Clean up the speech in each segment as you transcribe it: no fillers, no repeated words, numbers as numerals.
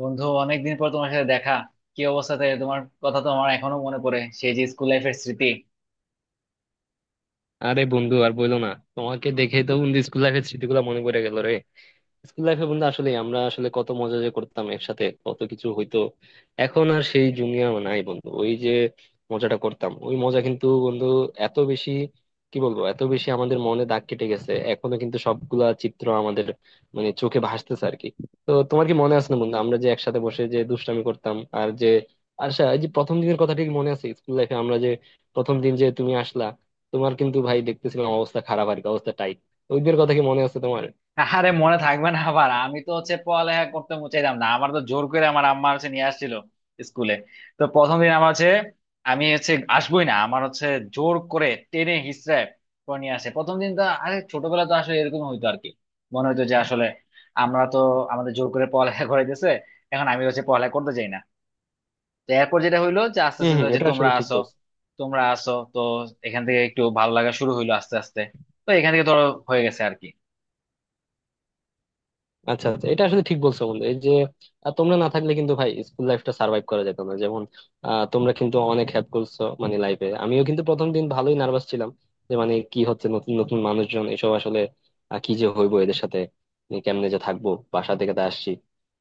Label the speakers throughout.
Speaker 1: বন্ধু, অনেকদিন পর তোমার সাথে দেখা। কি অবস্থাতে? তোমার কথা তো আমার এখনো মনে পড়ে, সেই যে স্কুল লাইফের স্মৃতি।
Speaker 2: আরে বন্ধু আর বইলো না। তোমাকে দেখে তো বন্ধু স্কুল লাইফের স্মৃতিগুলো মনে পড়ে গেল রে। স্কুল লাইফে বন্ধু আসলে আমরা আসলে কত মজা যে করতাম, একসাথে কত কিছু হইতো। এখন আর সেই জুনিয়র নাই বন্ধু, ওই যে মজাটা করতাম ওই মজা কিন্তু বন্ধু এত বেশি, কি বলবো এত বেশি আমাদের মনে দাগ কেটে গেছে, এখনো কিন্তু সবগুলা চিত্র আমাদের মানে চোখে ভাসতেছে আর কি। তো তোমার কি মনে আছে না বন্ধু, আমরা যে একসাথে বসে যে দুষ্টামি করতাম আর যে আচ্ছা এই যে প্রথম দিনের কথা ঠিক মনে আছে, স্কুল লাইফে আমরা যে প্রথম দিন যে তুমি আসলা, তোমার কিন্তু ভাই দেখতেছিলাম অবস্থা খারাপ আর কি, অবস্থা টাইট। ওই দিনের কথা কি মনে আছে তোমার?
Speaker 1: আরে মনে থাকবে না আবার! আমি তো পড়ালেখা করতে চাইতাম না, আমার তো জোর করে আমার আম্মা নিয়ে আসছিল স্কুলে। তো প্রথম দিন আমার আমি আসবোই না, আমার জোর করে টেনে হিচড়ে করে নিয়ে আসে প্রথম দিন। তো আরে, ছোটবেলা তো আসলে এরকম হইতো আর কি। মনে হইতো যে আসলে আমরা তো আমাদের জোর করে পড়ালেখা করাইতেছে, এখন আমি পড়ালেখা করতে চাই না। তো এরপর যেটা হইলো যে আস্তে
Speaker 2: হম
Speaker 1: আস্তে
Speaker 2: হম,
Speaker 1: যে
Speaker 2: এটা
Speaker 1: তোমরা
Speaker 2: আসলে ঠিক
Speaker 1: আসো,
Speaker 2: বলছো।
Speaker 1: তোমরা আসো তো এখান থেকে একটু ভালো লাগা শুরু হইলো আস্তে আস্তে। তো এখান থেকে ধরো হয়ে গেছে আর কি।
Speaker 2: আচ্ছা আচ্ছা, এটা আসলে ঠিক বলছো বন্ধু, এই যে তোমরা না থাকলে কিন্তু ভাই স্কুল লাইফটা সার্ভাইভ করা যেত না, যেমন তোমরা কিন্তু অনেক হেল্প করছো মানে লাইফে। আমিও কিন্তু প্রথম দিন ভালোই নার্ভাস ছিলাম, যে মানে কি হচ্ছে নতুন নতুন মানুষজন এসব আসলে কি যে হইবো এদের সাথে, মানে কেমনে যে থাকবো, বাসা থেকে তো আসছি।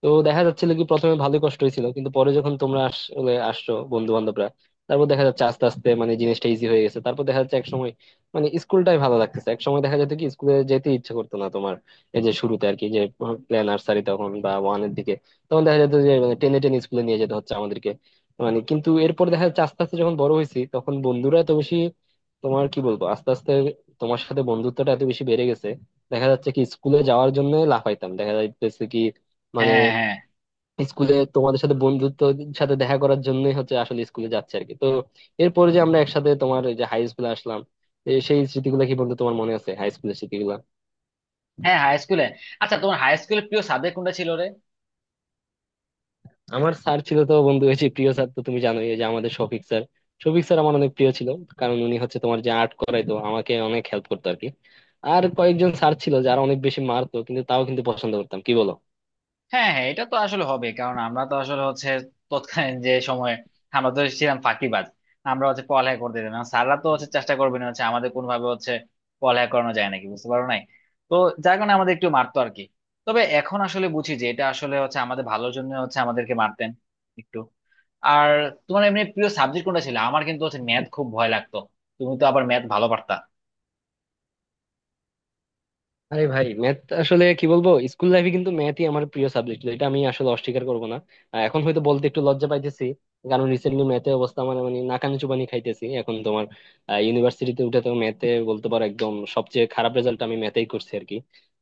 Speaker 2: তো দেখা যাচ্ছিল কি প্রথমে ভালোই কষ্ট হয়েছিল, কিন্তু পরে যখন তোমরা আসলে আসছো বন্ধু বান্ধবরা, তারপর দেখা যাচ্ছে আস্তে আস্তে মানে জিনিসটা ইজি হয়ে গেছে। তারপর দেখা যাচ্ছে এক সময় মানে স্কুলটাই ভালো লাগতেছে। এক সময় দেখা যেত কি স্কুলে যেতে ইচ্ছে করতো না তোমার, এই যে শুরুতে আর কি, যে প্লে নার্সারি তখন বা ওয়ানের দিকে তখন দেখা যেত যে মানে টেনে টেনে স্কুলে নিয়ে যেতে হচ্ছে আমাদেরকে মানে। কিন্তু এরপর দেখা যাচ্ছে আস্তে আস্তে যখন বড় হয়েছি তখন বন্ধুরা এত বেশি, তোমার কি বলবো আস্তে আস্তে তোমার সাথে বন্ধুত্বটা এত বেশি বেড়ে গেছে, দেখা যাচ্ছে কি স্কুলে যাওয়ার জন্য লাফাইতাম, দেখা যাইতেছে কি মানে
Speaker 1: হ্যাঁ হ্যাঁ
Speaker 2: স্কুলে তোমাদের সাথে বন্ধুত্বের সাথে দেখা করার জন্যই হচ্ছে আসলে স্কুলে যাচ্ছে আর কি। তো এরপরে যে আমরা একসাথে তোমার এই যে হাই স্কুলে আসলাম, এ সেই স্মৃতিগুলো কি বন্ধু তোমার মনে আছে হাই স্কুলের স্মৃতিগুলো?
Speaker 1: হ্যাঁ হাই স্কুলে। আচ্ছা, তোমার হাই স্কুলের প্রিয় সাবজেক্ট কোনটা ছিল রে?
Speaker 2: আমার স্যার ছিল তো বন্ধু হচ্ছে প্রিয় স্যার, তো তুমি জানোই এই যে আমাদের শফিক স্যার। শফিক স্যার আমার অনেক প্রিয় ছিল, কারণ উনি হচ্ছে তোমার যে আর্ট করাইতো, আমাকে অনেক হেল্প করতো আর কি। আর কয়েকজন স্যার ছিল যারা অনেক বেশি মারতো কিন্তু তাও কিন্তু পছন্দ করতাম, কি বলো?
Speaker 1: হ্যাঁ হ্যাঁ, এটা তো আসলে হবে। কারণ আমরা তো আসলে তৎকালীন যে সময়ে আমরা তো ছিলাম ফাঁকিবাজ। আমরা পড়ালেখা করতে দিতাম না, স্যাররা তো চেষ্টা করবে না আমাদের কোন ভাবে পড়ালেখা করানো যায় নাকি, বুঝতে পারো নাই। তো যার কারণে আমাদের একটু মারতো আর কি। তবে এখন আসলে বুঝি যে এটা আসলে আমাদের ভালোর জন্য আমাদেরকে মারতেন একটু। আর তোমার এমনি প্রিয় সাবজেক্ট কোনটা ছিল? আমার কিন্তু ম্যাথ খুব ভয় লাগতো, তুমি তো আবার ম্যাথ ভালো পারতা।
Speaker 2: আরে ভাই, ম্যাথ আসলে কি বলবো, স্কুল লাইফে কিন্তু ম্যাথই আমার প্রিয় সাবজেক্ট ছিল, এটা আমি আসলে অস্বীকার করবো না। এখন হয়তো বলতে একটু লজ্জা পাইতেছি, কারণ রিসেন্টলি ম্যাথের অবস্থা মানে মানে নাকানি চুবানি খাইতেছি এখন তোমার। ইউনিভার্সিটিতে উঠে তো ম্যাথে বলতে পারো একদম সবচেয়ে খারাপ রেজাল্ট আমি ম্যাথেই করছি আর কি।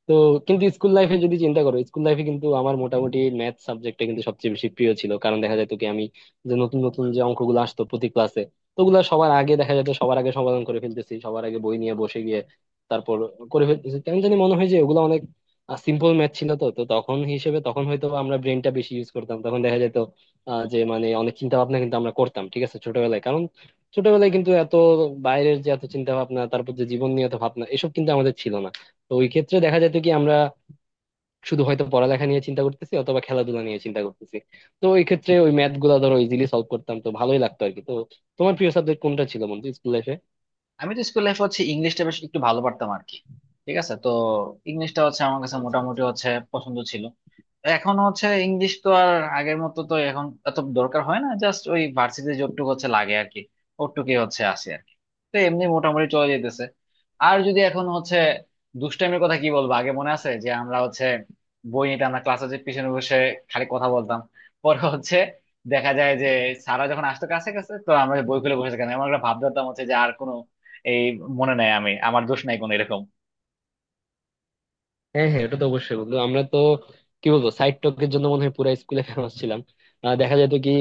Speaker 2: তো কিন্তু স্কুল লাইফে যদি চিন্তা করো, স্কুল লাইফে কিন্তু আমার মোটামুটি ম্যাথ সাবজেক্টটা কিন্তু সবচেয়ে বেশি প্রিয় ছিল, কারণ দেখা যেত কি আমি যে নতুন নতুন যে অঙ্কগুলো আসতো প্রতি ক্লাসে ওগুলা সবার আগে দেখা যেত সবার আগে সমাধান করে ফেলতেছি। তারপর করে ফেলতেছি কেন জানি মনে হয় যে ওগুলো অনেক সিম্পল ম্যাথ ছিল, তো তো তখন হিসেবে তখন হয়তো আমরা ব্রেনটা বেশি ইউজ করতাম, তখন দেখা যেত যে মানে অনেক চিন্তা ভাবনা কিন্তু আমরা করতাম, ঠিক আছে ছোটবেলায়, কারণ ছোটবেলায় কিন্তু এত বাইরের যে এত চিন্তা ভাবনা, তারপর যে জীবন নিয়ে এত ভাবনা এসব কিন্তু আমাদের ছিল না। তো ওই ক্ষেত্রে দেখা যেত কি আমরা শুধু হয়তো পড়ালেখা নিয়ে চিন্তা করতেছি অথবা খেলাধুলা নিয়ে চিন্তা করতেছি। তো ওই ক্ষেত্রে ওই ম্যাথ গুলা ধরো ইজিলি সলভ করতাম, তো ভালোই লাগতো আর কি। তো তোমার প্রিয় সাবজেক্ট কোনটা ছিল বন্ধু স্কুল লাইফে?
Speaker 1: আমি তো স্কুল লাইফে ইংলিশটা বেশ একটু ভালো পারতাম আর কি। ঠিক আছে। তো ইংলিশটা আমার কাছে
Speaker 2: আচ্ছা
Speaker 1: মোটামুটি
Speaker 2: আচ্ছা।
Speaker 1: পছন্দ ছিল। এখন ইংলিশ তো আর আগের মতো তো এখন এত দরকার হয় না, জাস্ট ওই ভার্সিটি যতটুকু লাগে আর কি। ওটুকুই আসে আর কি। তো এমনি মোটামুটি চলে যেতেছে। আর যদি এখন দুষ্টাইমের কথা কি বলবো, আগে মনে আছে যে আমরা বই নিতে আমরা ক্লাসে যে পিছনে বসে খালি কথা বলতাম। পরে দেখা যায় যে সারা যখন আসতো কাছে কাছে, তো আমরা বই খুলে বসে থাকতাম, এমন একটা ভাব ধরতাম যে আর কোনো এই মনে নাই, আমি আমার দোষ নাই কোনো, এরকম।
Speaker 2: হ্যাঁ হ্যাঁ, এটা তো অবশ্যই বন্ধু, আমরা তো কি বলবো সাইড টকের জন্য মনে হয় পুরো স্কুলে ফেমাস ছিলাম। দেখা যেত কি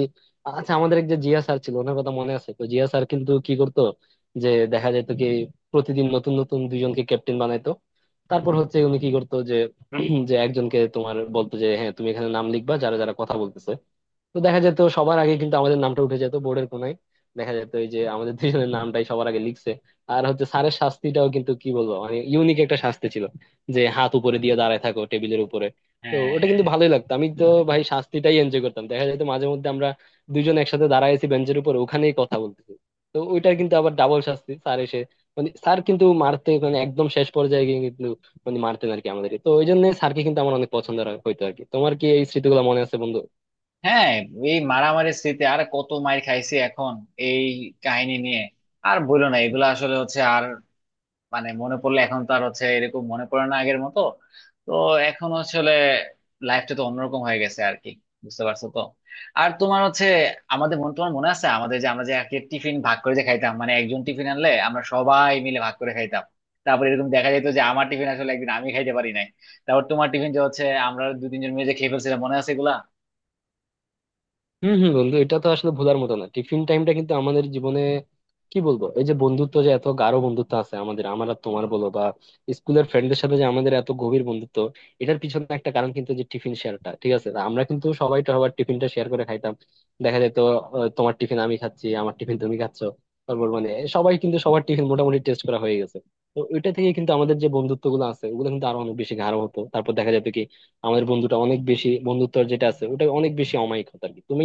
Speaker 2: আচ্ছা আমাদের এক যে জিয়া স্যার ছিল, ওনার কথা মনে আছে তো? জিয়া স্যার কিন্তু কি করতো যে দেখা যেত কি প্রতিদিন নতুন নতুন দুইজনকে ক্যাপ্টেন বানাইতো, তারপর হচ্ছে উনি কি করতো যে যে একজনকে তোমার বলতো যে হ্যাঁ তুমি এখানে নাম লিখবা যারা যারা কথা বলতেছে। তো দেখা যেত সবার আগে কিন্তু আমাদের নামটা উঠে যেত বোর্ডের কোনায়, দেখা যেত এই যে আমাদের দুজনের নামটাই সবার আগে লিখছে। আর হচ্ছে স্যারের শাস্তিটাও কিন্তু কি বলবো মানে ইউনিক একটা শাস্তি ছিল, যে হাত উপরে দিয়ে দাঁড়ায় থাকো টেবিলের উপরে। তো
Speaker 1: হ্যাঁ
Speaker 2: ওটা
Speaker 1: হ্যাঁ
Speaker 2: কিন্তু ভালোই লাগতো, আমি তো ভাই শাস্তিটাই এনজয় করতাম। দেখা যেত মাঝে মধ্যে আমরা দুজন একসাথে দাঁড়ায় আছি বেঞ্চের উপর, ওখানেই কথা বলতেছি। তো ওইটার কিন্তু আবার ডাবল শাস্তি, স্যার এসে মানে স্যার কিন্তু মারতে মানে একদম শেষ পর্যায়ে গিয়ে কিন্তু মানে মারতেন আর কি আমাদেরকে, তো ওই জন্য স্যারকে কিন্তু আমার অনেক পছন্দ হইতো আর কি। তোমার কি এই স্মৃতিগুলো মনে আছে বন্ধু?
Speaker 1: হ্যাঁ, এই মারামারি স্মৃতি, আর কত মার খাইছি এখন এই কাহিনী নিয়ে। আর বলো না, এগুলো আসলে আর মানে মনে পড়লে এখন তো আর এরকম মনে পড়ে না আগের মতো। তো এখন আসলে লাইফটা তো অন্যরকম হয়ে গেছে আর কি, বুঝতে পারছো তো? আর তোমার আমাদের মনে, তোমার মনে আছে আমাদের যে আমরা যে আগে টিফিন ভাগ করে যে খাইতাম, মানে একজন টিফিন আনলে আমরা সবাই মিলে ভাগ করে খাইতাম। তারপর এরকম দেখা যেত যে আমার টিফিন আসলে একদিন আমি খাইতে পারি নাই, তারপর তোমার টিফিন যে আমরা দু তিনজন মিলে যে খেয়ে ফেলছিলাম। মনে আছে এগুলা?
Speaker 2: হম হম বন্ধু, এটা তো আসলে ভোলার মতো না, টিফিন টাইমটা কিন্তু আমাদের জীবনে কি বলবো এই যে বন্ধুত্ব যে এত গাঢ় বন্ধুত্ব আছে আমাদের, আমার আর তোমার বলো বা স্কুলের ফ্রেন্ডদের সাথে যে আমাদের এত গভীর বন্ধুত্ব, এটার পিছনে একটা কারণ কিন্তু যে টিফিন শেয়ারটা, ঠিক আছে তা আমরা কিন্তু সবাই তো আবার টিফিনটা শেয়ার করে খাইতাম। দেখা যেত তোমার টিফিন আমি খাচ্ছি, আমার টিফিন তুমি খাচ্ছ, তারপর মানে সবাই কিন্তু সবার টিফিন মোটামুটি টেস্ট করা হয়ে গেছে। তো ওইটা থেকে কিন্তু আমাদের যে বন্ধুত্ব গুলো আছে ওগুলো কিন্তু আরো অনেক বেশি গাঢ় হতো। তারপর দেখা যেত কি আমাদের বন্ধুটা অনেক বেশি বন্ধুত্বর যেটা আছে ওটা অনেক বেশি অমায়িক হতো আর কি। তুমি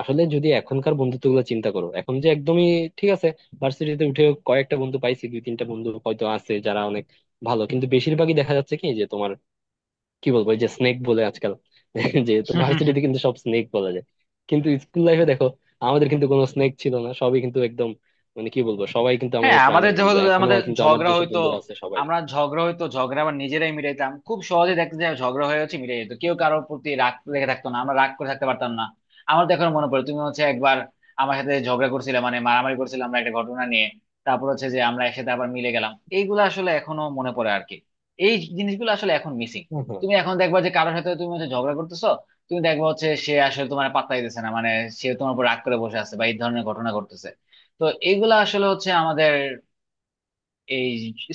Speaker 2: আসলে যদি এখনকার বন্ধুত্ব গুলো চিন্তা করো, এখন যে একদমই ঠিক আছে, ভার্সিটিতে উঠে কয়েকটা বন্ধু পাইছি, দুই তিনটা বন্ধু হয়তো আছে যারা অনেক ভালো, কিন্তু বেশিরভাগই দেখা যাচ্ছে কি যে তোমার কি বলবো এই যে স্নেক বলে আজকাল যে তো ভার্সিটিতে কিন্তু সব স্নেক বলা যায়। কিন্তু স্কুল লাইফে দেখো আমাদের কিন্তু কোনো স্নেক ছিল না, সবই কিন্তু একদম মানে কি বলবো সবাই কিন্তু
Speaker 1: হ্যাঁ,
Speaker 2: আমাদের
Speaker 1: আমাদের
Speaker 2: প্রাণের বন্ধু,
Speaker 1: যেহেতু
Speaker 2: এখনো
Speaker 1: আমাদের
Speaker 2: কিন্তু আমার
Speaker 1: ঝগড়া
Speaker 2: যেসব
Speaker 1: হইতো,
Speaker 2: বন্ধুরা আছে সবাই।
Speaker 1: আমরা ঝগড়া হইতো ঝগড়া আবার নিজেরাই মিটাইতাম খুব সহজে। দেখতে যায় ঝগড়া হয়ে মিটাই যেত, কেউ কারোর প্রতি রাগ দেখে থাকতো না, আমরা রাগ করে থাকতে পারতাম না। আমার তো এখন মনে পড়ে তুমি একবার আমার সাথে ঝগড়া করছিলে, মানে মারামারি করছিলাম আমরা একটা ঘটনা নিয়ে। তারপর যে আমরা একসাথে আবার মিলে গেলাম, এইগুলো আসলে এখনো মনে পড়ে আর কি। এই জিনিসগুলো আসলে এখন মিসিং। তুমি এখন দেখবা যে কারোর সাথে তুমি ঝগড়া করতেছো, তুমি দেখবা সে আসলে তোমার পাত্তাই দিতেছে না, মানে সে তোমার উপর রাগ করে বসে আছে, বা এই ধরনের ঘটনা ঘটতেছে। তো এগুলা আসলে আমাদের এই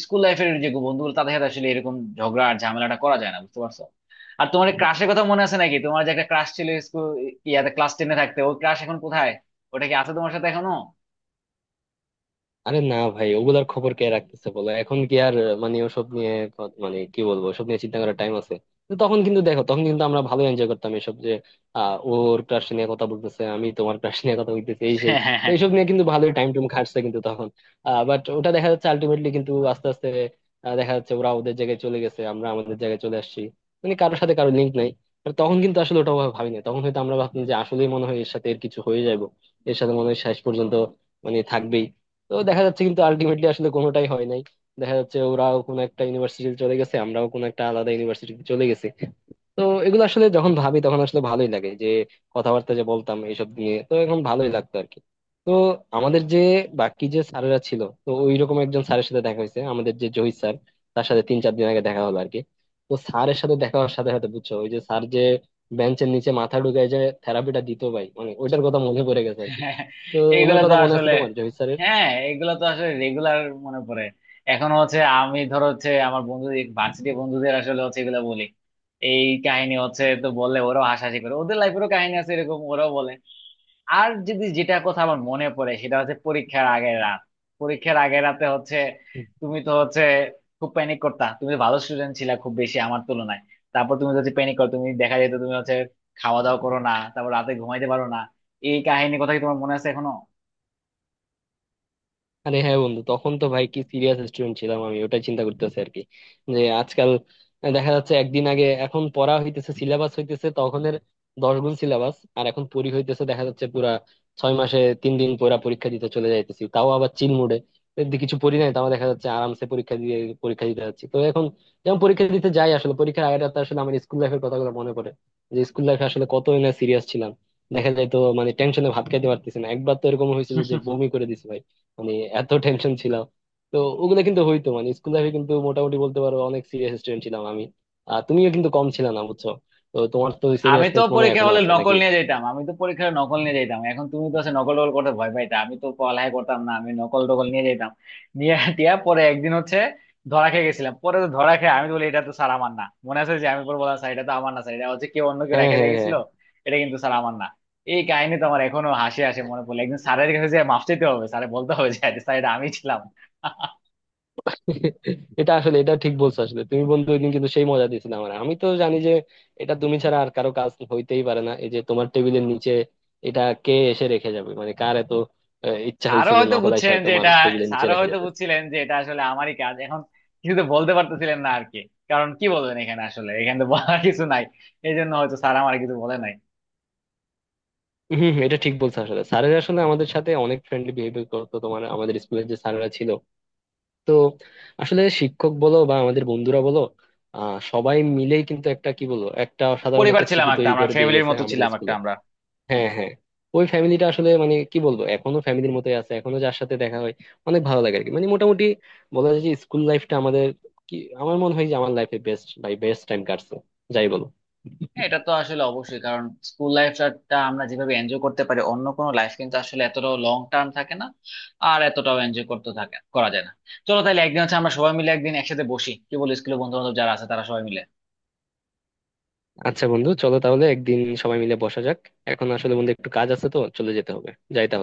Speaker 1: স্কুল লাইফের যে বন্ধুগুলো তাদের সাথে আসলে এরকম ঝগড়া আর ঝামেলাটা করা যায় না, বুঝতে পারছো? আর তোমার ক্রাশের কথা মনে আছে নাকি? তোমার যে একটা ক্রাশ ছিল স্কুল ইয়াতে, ক্লাস টেনে থাকতে, ওই ক্রাশ এখন কোথায়? ওটা কি আছে তোমার সাথে এখনো?
Speaker 2: আরে না ভাই, ওগুলার খবর কে রাখতেছে বলো এখন, কি আর মানে ওসব নিয়ে মানে কি বলবো ওসব নিয়ে চিন্তা করার টাইম আছে? কিন্তু তখন কিন্তু দেখো তখন কিন্তু আমরা ভালো এনজয় করতাম এসব যে ওর ক্রাশ নিয়ে কথা বলতেছে, আমি তোমার ক্রাশ নিয়ে কথা বলতেছি এই সেই, তো এইসব নিয়ে কিন্তু ভালোই টাইম টুম কাটছে কিন্তু তখন। বাট ওটা দেখা যাচ্ছে আলটিমেটলি কিন্তু আস্তে আস্তে দেখা যাচ্ছে ওরা ওদের জায়গায় চলে গেছে, আমরা আমাদের জায়গায় চলে আসছি, মানে কারোর সাথে কারোর লিঙ্ক নাই। আর তখন কিন্তু আসলে ওটা ওভাবে ভাবিনি, তখন হয়তো আমরা ভাবতাম যে আসলেই মনে হয় এর সাথে এর কিছু হয়ে যাবো, এর সাথে মনে হয় শেষ পর্যন্ত মানে থাকবেই। তো দেখা যাচ্ছে কিন্তু আলটিমেটলি আসলে কোনোটাই হয় নাই, দেখা যাচ্ছে ওরাও কোনো একটা ইউনিভার্সিটিতে চলে গেছে, আমরাও কোনো একটা আলাদা ইউনিভার্সিটিতে চলে গেছি। তো এগুলো আসলে যখন ভাবি তখন আসলে ভালোই লাগে, যে কথাবার্তা যে বলতাম এইসব নিয়ে, তো এখন ভালোই লাগতো আর কি। তো আমাদের যে বাকি যে স্যারেরা ছিল তো ওইরকম একজন স্যারের সাথে দেখা হয়েছে আমাদের যে জহির স্যার, তার সাথে 3 4 দিন আগে দেখা হলো আর কি। তো স্যারের সাথে দেখা হওয়ার সাথে সাথে বুঝছো ওই যে স্যার যে বেঞ্চের নিচে মাথা ঢুকায় যে থেরাপিটা দিত ভাই, মানে ওইটার কথা মনে পড়ে গেছে আর কি। তো ওনার
Speaker 1: এইগুলা তো
Speaker 2: কথা মনে আছে
Speaker 1: আসলে
Speaker 2: তোমার জহির স্যারের?
Speaker 1: হ্যাঁ, এগুলা তো আসলে রেগুলার মনে পড়ে। এখন আমি ধর আমার বন্ধুদের, ভার্সিটি বন্ধুদের আসলে এগুলা বলি, এই কাহিনী তো বললে ওরাও হাসাহাসি করে, ওদের লাইফেরও কাহিনী আছে এরকম, ওরাও বলে। আর যদি যেটা কথা আমার মনে পড়ে সেটা হচ্ছে পরীক্ষার আগের রাত। পরীক্ষার আগের রাতে তুমি তো খুব প্যানিক করতা, তুমি তো ভালো স্টুডেন্ট ছিলা খুব বেশি আমার তুলনায়। তারপর তুমি যদি প্যানিক করো, তুমি দেখা যেত তুমি খাওয়া দাওয়া করো না, তারপর রাতে ঘুমাইতে পারো না। এই কাহিনী কথা কি তোমার মনে আছে এখনো?
Speaker 2: আরে হ্যাঁ বন্ধু, তখন তো ভাই কি সিরিয়াস স্টুডেন্ট ছিলাম, আমি ওটাই চিন্তা করতেছি আর কি যে আজকাল দেখা যাচ্ছে একদিন আগে এখন পড়া হইতেছে সিলেবাস হইতেছে তখনের 10 গুণ সিলেবাস, আর এখন পড়ি হইতেছে দেখা যাচ্ছে পুরা 6 মাসে 3 দিন পুরা পরীক্ষা দিতে চলে যাইতেছি, তাও আবার চিল মুডে, কিছু পড়ি নাই, তাও দেখা যাচ্ছে আরামসে পরীক্ষা দিয়ে পরীক্ষা দিতে যাচ্ছি। তো এখন যেমন পরীক্ষা দিতে যাই, আসলে পরীক্ষার আগের রাতে আসলে আমার স্কুল লাইফের কথাগুলো মনে পড়ে, যে স্কুল লাইফে আসলে কত সিরিয়াস ছিলাম। দেখা যায় তো মানে টেনশনে ভাত খাইতে পারতেছি না, একবার তো এরকম হয়েছিল যে বমি করে দিছি ভাই, মানে এত টেনশন ছিলাম। তো ওগুলো কিন্তু হইতো মানে স্কুল লাইফে কিন্তু মোটামুটি বলতে পারো অনেক সিরিয়াস স্টুডেন্ট ছিলাম আমি। আর তুমিও কিন্তু কম ছিল না বুঝছো, তো তোমার তো
Speaker 1: আমি তো
Speaker 2: সিনিয়াসনেস মনে হয়
Speaker 1: পরীক্ষা
Speaker 2: এখনো
Speaker 1: হলে
Speaker 2: আছে
Speaker 1: নকল
Speaker 2: নাকি?
Speaker 1: নিয়ে যেতাম, আমি তো পরীক্ষা হলে নকল নিয়ে যেতাম। এখন তুমি তো সে নকল টকল করতে ভয় পাইতা, আমি তো পড়ালেখা করতাম না, আমি নকল টকল নিয়ে যেতাম। নিয়ে টিয়া পরে একদিন ধরা খেয়ে গেছিলাম। পরে তো ধরা খেয়ে আমি তো বলি এটা তো স্যার আমার না, মনে আছে যে আমি পরে বললাম স্যার এটা তো আমার না, স্যার এটা কেউ অন্য কেউ
Speaker 2: হ্যাঁ
Speaker 1: রেখে দিয়ে
Speaker 2: হ্যাঁ
Speaker 1: গেছিল,
Speaker 2: হ্যাঁ।
Speaker 1: এটা কিন্তু স্যার আমার না। এই কাহিনী তো আমার এখনো হাসি হাসি মনে পড়লে, একদিন স্যারের কাছে যে মাফ চাইতে হবে, স্যার বলতে হবে যে স্যার এটা আমি ছিলাম।
Speaker 2: এটা আসলে এটা ঠিক বলছো আসলে তুমি বন্ধু, ওইদিন কিন্তু সেই মজা দিয়েছিলে আমার, আমি তো জানি যে এটা তুমি ছাড়া আর কারো কাজ হইতেই পারে না। এই যে তোমার টেবিলের নিচে এটা কে এসে রেখে যাবে, মানে কার এত ইচ্ছা
Speaker 1: স্যারও
Speaker 2: হয়েছে যে
Speaker 1: হয়তো
Speaker 2: নকল এসে
Speaker 1: বুঝছেন যে
Speaker 2: তোমার
Speaker 1: এটা,
Speaker 2: টেবিলের নিচে
Speaker 1: স্যারও
Speaker 2: রেখে
Speaker 1: হয়তো
Speaker 2: যেতে?
Speaker 1: বুঝছিলেন যে এটা আসলে আমারই কাজ। এখন কিছু তো বলতে পারতেছিলেন না আর কি, কারণ কি বলবেন, এখানে আসলে এখানে তো বলার কিছু নাই। এই জন্য হয়তো স্যার আমার কিছু বলে নাই।
Speaker 2: হম হম, এটা ঠিক বলছো, আসলে স্যারেরা আসলে আমাদের সাথে অনেক ফ্রেন্ডলি বিহেভিয়ার করতো তোমার, আমাদের স্কুলের যে স্যারেরা ছিল। তো আসলে শিক্ষক বলো বা আমাদের বন্ধুরা বলো সবাই মিলেই কিন্তু একটা কি বলবো একটা সাধারণ
Speaker 1: পরিবার
Speaker 2: একটা
Speaker 1: ছিলাম
Speaker 2: স্মৃতি
Speaker 1: একটা
Speaker 2: তৈরি
Speaker 1: আমরা,
Speaker 2: করে দিয়ে
Speaker 1: ফ্যামিলির
Speaker 2: গেছে
Speaker 1: মতো
Speaker 2: আমাদের
Speaker 1: ছিলাম একটা
Speaker 2: স্কুলে।
Speaker 1: আমরা।
Speaker 2: হ্যাঁ হ্যাঁ। ওই ফ্যামিলিটা আসলে মানে কি বলবো এখনো ফ্যামিলির মতোই আছে, এখনো যার সাথে দেখা হয় অনেক ভালো লাগে আর কি। মানে মোটামুটি বলা যায় যে স্কুল লাইফটা আমাদের কি আমার মনে হয় যে আমার লাইফে বেস্ট, ভাই বেস্ট টাইম কাটছে, যাই বলো।
Speaker 1: হ্যাঁ, এটা তো আসলে অবশ্যই, কারণ স্কুল লাইফটা আমরা যেভাবে এনজয় করতে পারি অন্য কোনো লাইফ কিন্তু আসলে এতটাও লং টার্ম থাকে না, আর এতটাও এনজয় করতে থাকে করা যায় না। চলো তাহলে একদিন আমরা সবাই মিলে একদিন একসাথে বসি, কি বলি? স্কুলের বন্ধু বান্ধব যারা আছে তারা সবাই মিলে।
Speaker 2: আচ্ছা বন্ধু, চলো তাহলে একদিন সবাই মিলে বসা যাক। এখন আসলে বন্ধু একটু কাজ আছে, তো চলে যেতে হবে, যাই তাহলে।